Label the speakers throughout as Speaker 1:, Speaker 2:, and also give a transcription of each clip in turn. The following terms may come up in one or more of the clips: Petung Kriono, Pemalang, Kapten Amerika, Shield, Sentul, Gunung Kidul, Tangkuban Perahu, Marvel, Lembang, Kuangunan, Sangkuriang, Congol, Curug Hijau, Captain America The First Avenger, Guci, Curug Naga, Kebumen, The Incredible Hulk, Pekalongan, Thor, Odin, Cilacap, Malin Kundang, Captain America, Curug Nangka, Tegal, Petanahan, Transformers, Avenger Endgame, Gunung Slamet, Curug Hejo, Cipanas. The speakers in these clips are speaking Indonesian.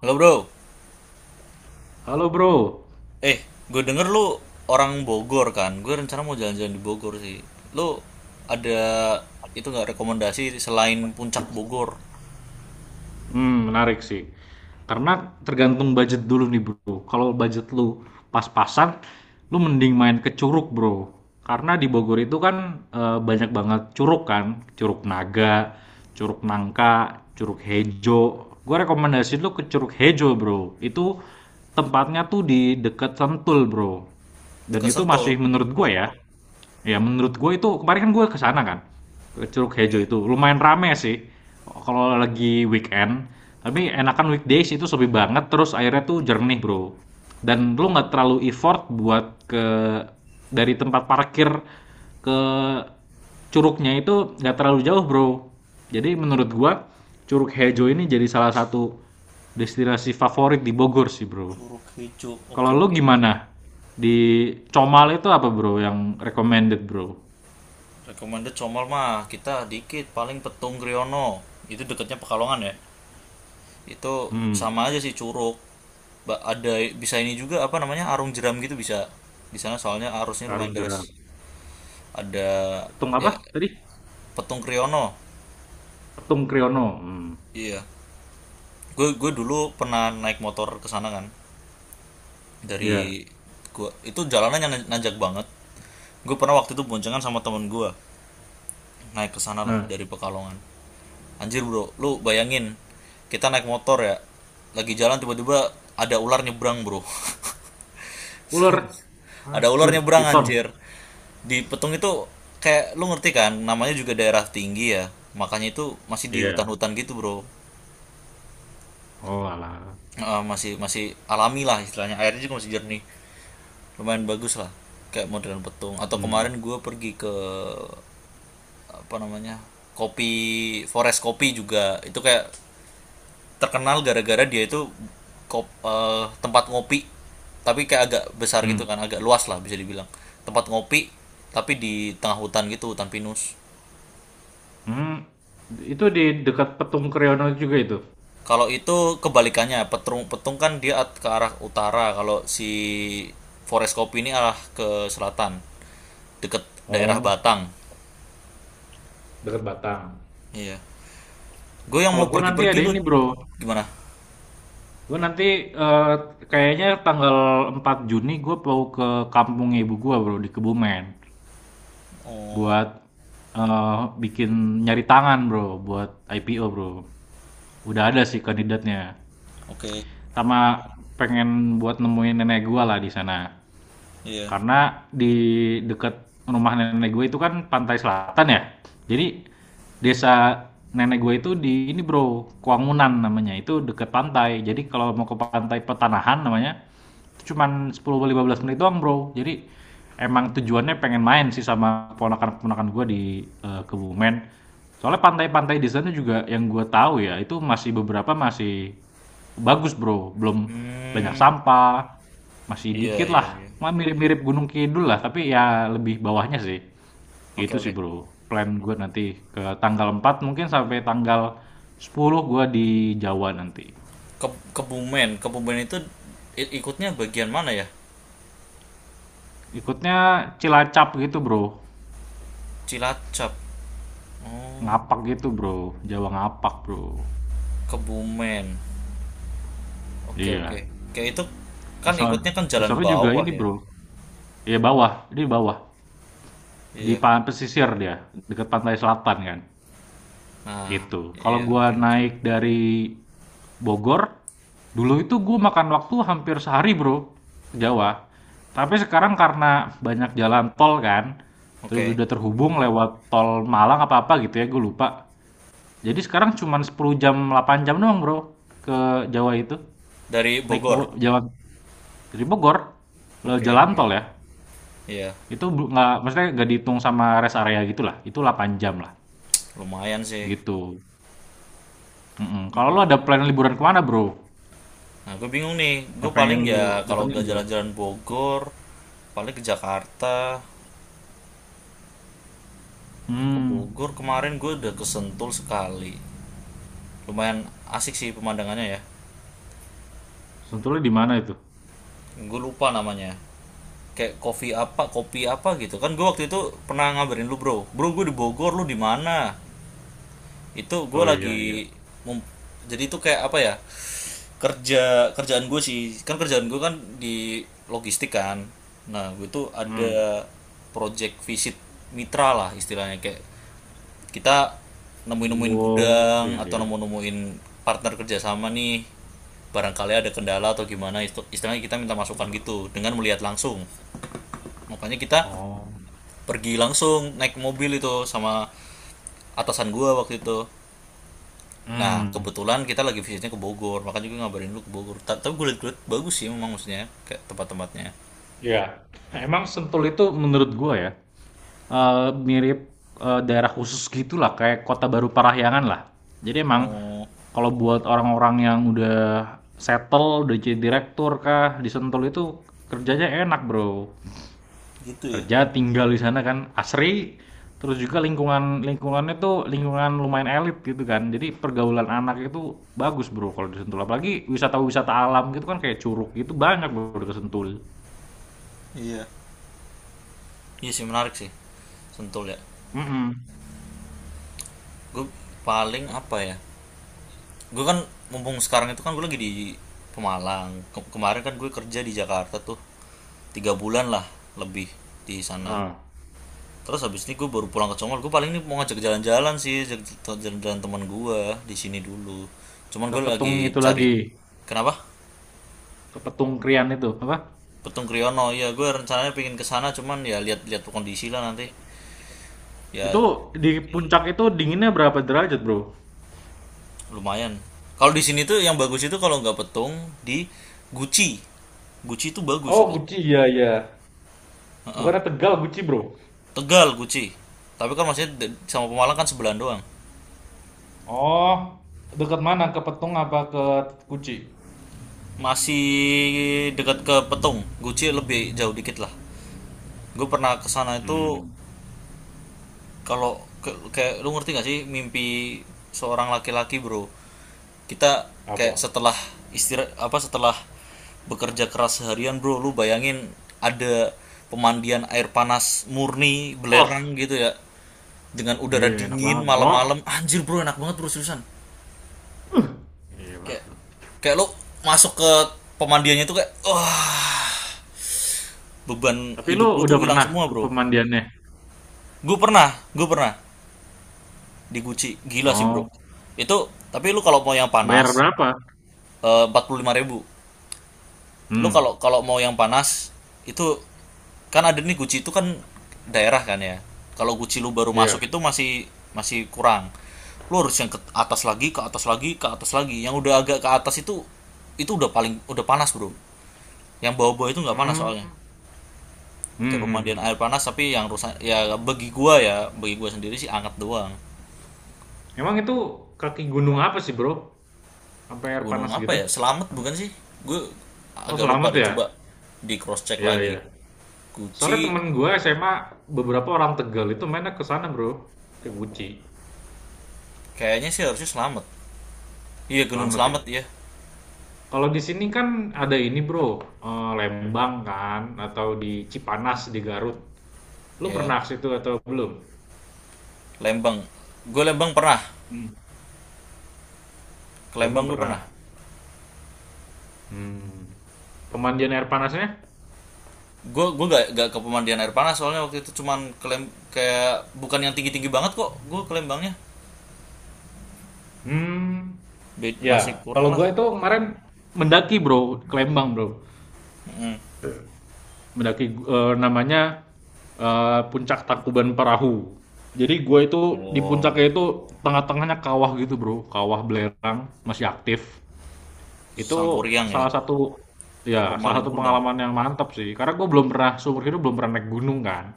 Speaker 1: Halo bro.
Speaker 2: Halo bro.
Speaker 1: Eh gue denger lu orang Bogor kan, gue rencana mau jalan-jalan di Bogor sih. Lu ada itu nggak rekomendasi selain Puncak Bogor
Speaker 2: Menarik sih. Karena tergantung budget dulu nih bro. Kalau budget lu pas-pasan, lu mending main ke Curug bro. Karena di Bogor itu kan banyak banget curug kan, Curug Naga, Curug Nangka, Curug Hejo. Gue rekomendasiin lu ke Curug Hejo bro. Itu tempatnya tuh di dekat Sentul bro. Dan
Speaker 1: dekat
Speaker 2: itu
Speaker 1: Sentul?
Speaker 2: masih menurut gue ya. Ya menurut gue itu kemarin kan gue ke sana kan, ke Curug Hejo
Speaker 1: Oke.
Speaker 2: itu. Lumayan rame sih kalau lagi weekend, tapi enakan weekdays itu sepi banget terus airnya tuh jernih, Bro. Dan lu nggak terlalu effort buat ke dari tempat parkir ke curugnya itu nggak terlalu jauh, Bro. Jadi menurut gue Curug Hejo ini jadi salah satu destinasi favorit di Bogor sih, Bro.
Speaker 1: Curug Hijau, oke
Speaker 2: Kalau lu
Speaker 1: oke.
Speaker 2: gimana? Di Comal itu apa bro yang recommended bro?
Speaker 1: Recommended Comal mah kita dikit paling Petung Kriono, itu dekatnya Pekalongan ya. Itu
Speaker 2: Hmm.
Speaker 1: sama aja sih Curug. Ada bisa ini juga apa namanya arung jeram gitu, bisa di sana soalnya arusnya lumayan
Speaker 2: Karung
Speaker 1: deras.
Speaker 2: jeram.
Speaker 1: Ada
Speaker 2: Petung
Speaker 1: ya
Speaker 2: apa tadi?
Speaker 1: Petung Kriono.
Speaker 2: Petung Kriono. Hmm,
Speaker 1: Iya. Gue dulu pernah naik motor ke sana kan,
Speaker 2: iya.
Speaker 1: dari. Gue itu jalanannya nanjak banget. Gue pernah waktu itu boncengan sama temen gue, naik ke sana lah
Speaker 2: Nah,
Speaker 1: dari Pekalongan. Anjir bro, lu bayangin, kita naik motor ya lagi jalan, tiba-tiba ada ular nyebrang bro.
Speaker 2: ular.
Speaker 1: Serem. Ada ular
Speaker 2: Anjir,
Speaker 1: nyebrang
Speaker 2: piton.
Speaker 1: anjir, di Petung itu. Kayak lu ngerti kan, namanya juga daerah tinggi ya, makanya itu masih di
Speaker 2: Iya.
Speaker 1: hutan-hutan gitu bro.
Speaker 2: Oh alah.
Speaker 1: Masih masih alami lah istilahnya, airnya juga masih jernih, lumayan bagus lah. Kayak modern petung, atau
Speaker 2: Hmm.
Speaker 1: kemarin gue pergi ke, apa namanya, kopi, forest kopi juga. Itu kayak terkenal gara-gara dia itu tempat ngopi, tapi kayak agak besar gitu
Speaker 2: Hmm.
Speaker 1: kan, agak luas lah bisa dibilang. Tempat ngopi tapi di tengah hutan gitu, hutan pinus.
Speaker 2: Hmm. Itu di dekat Petung Kriono juga itu.
Speaker 1: Kalau itu kebalikannya petung, petung kan dia ke arah utara, kalau si forest kopi ini arah ke selatan, deket daerah
Speaker 2: Oh,
Speaker 1: Batang.
Speaker 2: dekat Batang.
Speaker 1: Iya. Gue yang
Speaker 2: Kalau
Speaker 1: mau
Speaker 2: gue nanti
Speaker 1: pergi-pergi,
Speaker 2: ada
Speaker 1: lu
Speaker 2: ini bro,
Speaker 1: gimana?
Speaker 2: gue nanti eh, kayaknya tanggal 4 Juni gue mau ke kampung ibu gue bro di Kebumen.
Speaker 1: Oh,
Speaker 2: Buat, bikin nyari tangan, Bro, buat IPO, Bro. Udah ada sih kandidatnya.
Speaker 1: oke.
Speaker 2: Sama pengen buat nemuin nenek gua lah di sana.
Speaker 1: Iya.
Speaker 2: Karena di dekat rumah nenek gue itu kan pantai selatan ya. Jadi desa nenek gue itu di ini, Bro, Kuangunan namanya, itu dekat pantai. Jadi kalau mau ke pantai Petanahan namanya cuman 10 15 menit doang, Bro. Jadi emang tujuannya pengen main sih sama keponakan-keponakan gue di Kebumen. Soalnya pantai-pantai di sana juga yang gue tahu ya, itu masih beberapa masih bagus, Bro. Belum banyak
Speaker 1: Hmm,
Speaker 2: sampah, masih
Speaker 1: iya
Speaker 2: dikit
Speaker 1: iya
Speaker 2: lah.
Speaker 1: iya.
Speaker 2: Mah mirip-mirip Gunung Kidul lah, tapi ya lebih bawahnya sih.
Speaker 1: Oke
Speaker 2: Gitu sih,
Speaker 1: oke.
Speaker 2: Bro. Plan gue nanti ke tanggal 4 mungkin sampai tanggal 10 gue di Jawa nanti.
Speaker 1: Ke Kebumen, Kebumen itu ikutnya bagian mana ya?
Speaker 2: Ikutnya Cilacap gitu, Bro.
Speaker 1: Cilacap. Oh,
Speaker 2: Ngapak gitu, Bro. Jawa ngapak, Bro.
Speaker 1: Kebumen. Oke oke.
Speaker 2: Iya.
Speaker 1: Kayak itu
Speaker 2: Di
Speaker 1: kan ikutnya
Speaker 2: sono
Speaker 1: kan
Speaker 2: di
Speaker 1: jalan
Speaker 2: sono juga
Speaker 1: bawah
Speaker 2: ini,
Speaker 1: ya.
Speaker 2: Bro. Iya bawah, ini bawah. Di
Speaker 1: Iya.
Speaker 2: pesisir dia, dekat pantai selatan kan.
Speaker 1: Nah,
Speaker 2: Gitu. Kalau
Speaker 1: iya,
Speaker 2: gua
Speaker 1: oke oke.
Speaker 2: naik dari Bogor, dulu itu gua makan waktu hampir sehari, Bro, ke Jawa. Tapi sekarang karena banyak jalan tol kan, terus
Speaker 1: Oke.
Speaker 2: udah terhubung lewat tol Malang apa-apa gitu ya, gue lupa. Jadi sekarang cuman 10 jam, 8 jam doang, Bro, ke Jawa itu.
Speaker 1: Dari
Speaker 2: Naik
Speaker 1: Bogor.
Speaker 2: Jawa. Dari Bogor lo
Speaker 1: Oke
Speaker 2: jalan
Speaker 1: oke.
Speaker 2: tol ya.
Speaker 1: Iya,
Speaker 2: Itu nggak maksudnya nggak dihitung sama rest area gitulah. Itu 8 jam lah
Speaker 1: lumayan sih.
Speaker 2: gitu. Mm-mm. Kalau lo
Speaker 1: Mm
Speaker 2: ada plan liburan kemana bro?
Speaker 1: Nah, gue bingung nih. Gue
Speaker 2: Yang
Speaker 1: paling
Speaker 2: pengen lo
Speaker 1: ya kalau
Speaker 2: datengin
Speaker 1: gak
Speaker 2: bro?
Speaker 1: jalan-jalan Bogor, paling ke Jakarta, ke
Speaker 2: Hmm.
Speaker 1: Bogor. Kemarin gue udah ke Sentul sekali. Lumayan asik sih pemandangannya ya.
Speaker 2: Sentulnya di mana itu?
Speaker 1: Gue lupa namanya. Kayak kopi apa gitu. Kan gue waktu itu pernah ngabarin lu, Bro. Bro, gue di Bogor, lu di mana? Itu gue
Speaker 2: Oh iya iya.
Speaker 1: lagi mem- jadi itu kayak apa ya? Kerjaan gue sih, kan kerjaan gue kan di logistik kan. Nah, gue tuh
Speaker 2: Hmm.
Speaker 1: ada project visit mitra lah istilahnya, kayak kita nemuin-nemuin
Speaker 2: Oh
Speaker 1: gudang
Speaker 2: iya
Speaker 1: atau
Speaker 2: iya.
Speaker 1: nemu-nemuin partner kerjasama nih, barangkali ada kendala atau gimana istilahnya, kita minta masukan gitu dengan melihat langsung, makanya kita
Speaker 2: Oh.
Speaker 1: pergi langsung naik mobil itu sama atasan gue waktu itu. Nah,
Speaker 2: Hmm.
Speaker 1: kebetulan kita lagi visitnya ke Bogor, makanya gue ngabarin lu ke Bogor. Tapi gue liat-liat bagus sih memang, maksudnya kayak tempat-tempatnya.
Speaker 2: Iya. Emang Sentul itu menurut gua ya. Mirip, daerah khusus gitulah kayak Kota Baru Parahyangan lah. Jadi emang
Speaker 1: Oh,
Speaker 2: kalau buat orang-orang yang udah settle, udah jadi direktur kah di Sentul itu kerjanya enak, Bro.
Speaker 1: gitu ya.
Speaker 2: Kerja, tinggal di sana kan asri, terus juga lingkungannya tuh lingkungan lumayan elit gitu kan. Jadi pergaulan anak itu bagus, Bro, kalau di Sentul. Apalagi wisata-wisata alam gitu kan kayak curug gitu banyak, Bro, di Sentul.
Speaker 1: Iya. Iya sih menarik sih. Sentul ya.
Speaker 2: Mhm,
Speaker 1: Gue paling apa ya? Gue kan mumpung sekarang itu kan gue lagi di Pemalang. Kemarin kan gue kerja di Jakarta tuh 3 bulan lah lebih di sana.
Speaker 2: heeh.
Speaker 1: Terus habis ini gue baru pulang ke Congol. Gue paling ini mau ngajak jalan-jalan sih, ngajak jalan-jalan teman gue di sini dulu. Cuman
Speaker 2: Ke
Speaker 1: gue
Speaker 2: Petung
Speaker 1: lagi
Speaker 2: itu
Speaker 1: cari.
Speaker 2: lagi,
Speaker 1: Kenapa?
Speaker 2: ke Petung Krian itu, apa?
Speaker 1: Petung Kriyono ya, gue rencananya pingin kesana, cuman ya lihat-lihat kondisi lah nanti ya.
Speaker 2: Itu di puncak itu dinginnya berapa derajat, Bro?
Speaker 1: Lumayan, kalau di sini tuh yang bagus itu kalau nggak Petung, di Guci. Guci itu bagus
Speaker 2: Oh,
Speaker 1: itu.
Speaker 2: Guci, iya, iya.
Speaker 1: Heeh.
Speaker 2: Bukannya Tegal, Guci, bro.
Speaker 1: Tegal Guci, tapi kan masih sama Pemalang kan, sebelahan doang.
Speaker 2: Oh, dekat mana? Ke Petung apa ke Guci?
Speaker 1: Masih dekat ke Petung, Guci lebih jauh dikit lah, gue pernah kesana itu.
Speaker 2: Hmm.
Speaker 1: Kalau kayak lu ngerti gak sih, mimpi seorang laki-laki bro, kita kayak
Speaker 2: Apa?
Speaker 1: setelah istirahat apa setelah bekerja keras seharian bro, lu bayangin, ada pemandian air panas murni
Speaker 2: Wah,
Speaker 1: belerang gitu ya, dengan udara
Speaker 2: iya enak
Speaker 1: dingin
Speaker 2: banget, Bro.
Speaker 1: malam-malam, anjir bro enak banget bro, seriusan.
Speaker 2: Gila
Speaker 1: kayak
Speaker 2: tuh.
Speaker 1: kayak lu masuk ke pemandiannya tuh, kayak wah, beban
Speaker 2: Tapi
Speaker 1: hidup
Speaker 2: lu
Speaker 1: lu tuh
Speaker 2: udah
Speaker 1: hilang
Speaker 2: pernah
Speaker 1: semua
Speaker 2: ke
Speaker 1: bro.
Speaker 2: pemandiannya?
Speaker 1: Gue pernah di Gucci, gila sih bro.
Speaker 2: Oh,
Speaker 1: Itu tapi lu kalau mau yang
Speaker 2: bayar
Speaker 1: panas,
Speaker 2: berapa?
Speaker 1: 45.000. Lu
Speaker 2: Hmm.
Speaker 1: kalau kalau mau yang panas, itu kan ada nih Guci itu kan, daerah kan ya. Kalau Guci lu baru
Speaker 2: Iya.
Speaker 1: masuk itu masih masih kurang, lu harus yang ke atas lagi, ke atas lagi, ke atas lagi. Yang udah agak ke atas itu udah paling udah panas bro, yang bawah-bawah itu nggak panas soalnya.
Speaker 2: Hmm.
Speaker 1: Kayak
Speaker 2: Hmm. Hmm,
Speaker 1: pemandian
Speaker 2: hmm.
Speaker 1: air panas tapi yang rusak, ya bagi gua ya, bagi gua sendiri sih anget doang.
Speaker 2: Emang itu kaki gunung apa sih, Bro? Sampai air
Speaker 1: Gunung
Speaker 2: panas
Speaker 1: apa
Speaker 2: gitu?
Speaker 1: ya, Selamat bukan sih, gua
Speaker 2: Oh,
Speaker 1: agak lupa
Speaker 2: selamat
Speaker 1: deh,
Speaker 2: ya?
Speaker 1: coba di cross check
Speaker 2: Iya, iya.
Speaker 1: lagi.
Speaker 2: Soalnya temen
Speaker 1: Guci.
Speaker 2: gue SMA beberapa orang Tegal itu mainnya ke sana bro, ke Guci,
Speaker 1: Kayaknya sih harusnya Slamet. Iya, Gunung
Speaker 2: selamat ya.
Speaker 1: Slamet ya.
Speaker 2: Kalau di sini kan ada ini bro, Lembang kan, atau di Cipanas di Garut. Lu
Speaker 1: Ya.
Speaker 2: pernah ke situ atau belum?
Speaker 1: Lembang. Gue Lembang pernah.
Speaker 2: Hmm.
Speaker 1: Ke
Speaker 2: Lembang
Speaker 1: Lembang gue
Speaker 2: pernah.
Speaker 1: pernah.
Speaker 2: Hmm. Pemandian air panasnya?
Speaker 1: Gue gak ke pemandian air panas soalnya waktu itu cuman ke kayak bukan yang tinggi-tinggi banget kok. Gue ke Lembangnya.
Speaker 2: Hmm.
Speaker 1: Masih
Speaker 2: Ya,
Speaker 1: kurang
Speaker 2: kalau
Speaker 1: lah.
Speaker 2: gue itu kemarin mendaki bro, ke Lembang bro. Mendaki namanya puncak Tangkuban Perahu. Jadi gue itu di
Speaker 1: Oh,
Speaker 2: puncaknya itu tengah-tengahnya kawah gitu bro, kawah belerang masih aktif. Itu
Speaker 1: Sangkuriang ya.
Speaker 2: salah satu
Speaker 1: Apa
Speaker 2: salah
Speaker 1: Malin
Speaker 2: satu
Speaker 1: Kundang?
Speaker 2: pengalaman yang mantap sih. Karena gue belum pernah seumur hidup belum pernah naik gunung kan.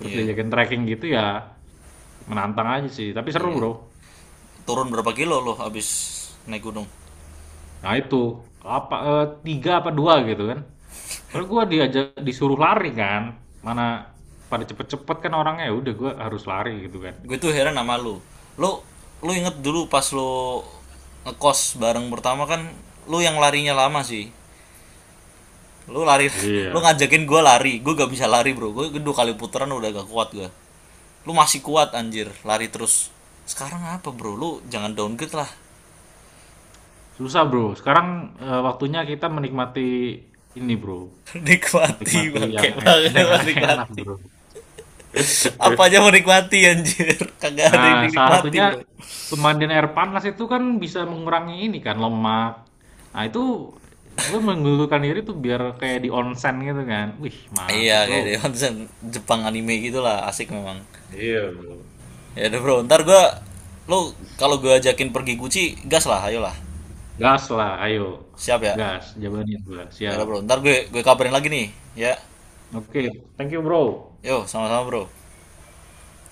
Speaker 2: Terus
Speaker 1: Iya.
Speaker 2: diajakin trekking gitu ya menantang aja sih. Tapi seru
Speaker 1: Iya.
Speaker 2: bro.
Speaker 1: Turun berapa kilo lo abis naik gunung?
Speaker 2: Nah itu apa tiga apa dua gitu kan. Soalnya gue diajak disuruh lari kan. Mana pada cepet-cepet kan orangnya ya udah gue harus lari gitu kan.
Speaker 1: Gue tuh heran sama lo. Lo lo inget dulu pas lo ngekos bareng pertama kan, lo yang larinya lama sih. Lu lari, lu
Speaker 2: Iya,
Speaker 1: ngajakin gue lari. Gue gak bisa lari, Bro. Gue kedua kali putaran udah gak kuat gue. Lu masih kuat anjir, lari terus. Sekarang apa, Bro? Lu jangan downgrade lah.
Speaker 2: susah, Bro. Sekarang, waktunya kita menikmati ini, Bro,
Speaker 1: Nikmati
Speaker 2: menikmati
Speaker 1: bangke
Speaker 2: yang yang
Speaker 1: banget
Speaker 2: enak-enak,
Speaker 1: nikmati.
Speaker 2: Bro.
Speaker 1: Apa aja mau nikmati anjir. Kagak ada
Speaker 2: Nah,
Speaker 1: yang
Speaker 2: salah
Speaker 1: dinikmati,
Speaker 2: satunya
Speaker 1: Bro.
Speaker 2: pemandian air panas itu kan bisa mengurangi ini kan, lemak. Nah, itu gue menggelulurkan diri tuh biar kayak di onsen gitu kan. Wih,
Speaker 1: Iya,
Speaker 2: mantep
Speaker 1: kayak di
Speaker 2: Bro.
Speaker 1: Jepang anime gitulah, asik memang.
Speaker 2: Iya, Bro.
Speaker 1: Ya udah, Bro. Ntar gue, lu kalau gue ajakin pergi Gucci, gas lah, ayolah.
Speaker 2: Gas lah, ayo,
Speaker 1: Siap ya?
Speaker 2: gas, jawabannya gua,
Speaker 1: Ya udah,
Speaker 2: siap.
Speaker 1: Bro. Ntar gue kabarin lagi nih, ya.
Speaker 2: Oke, thank you, Bro.
Speaker 1: Yo, sama-sama, Bro.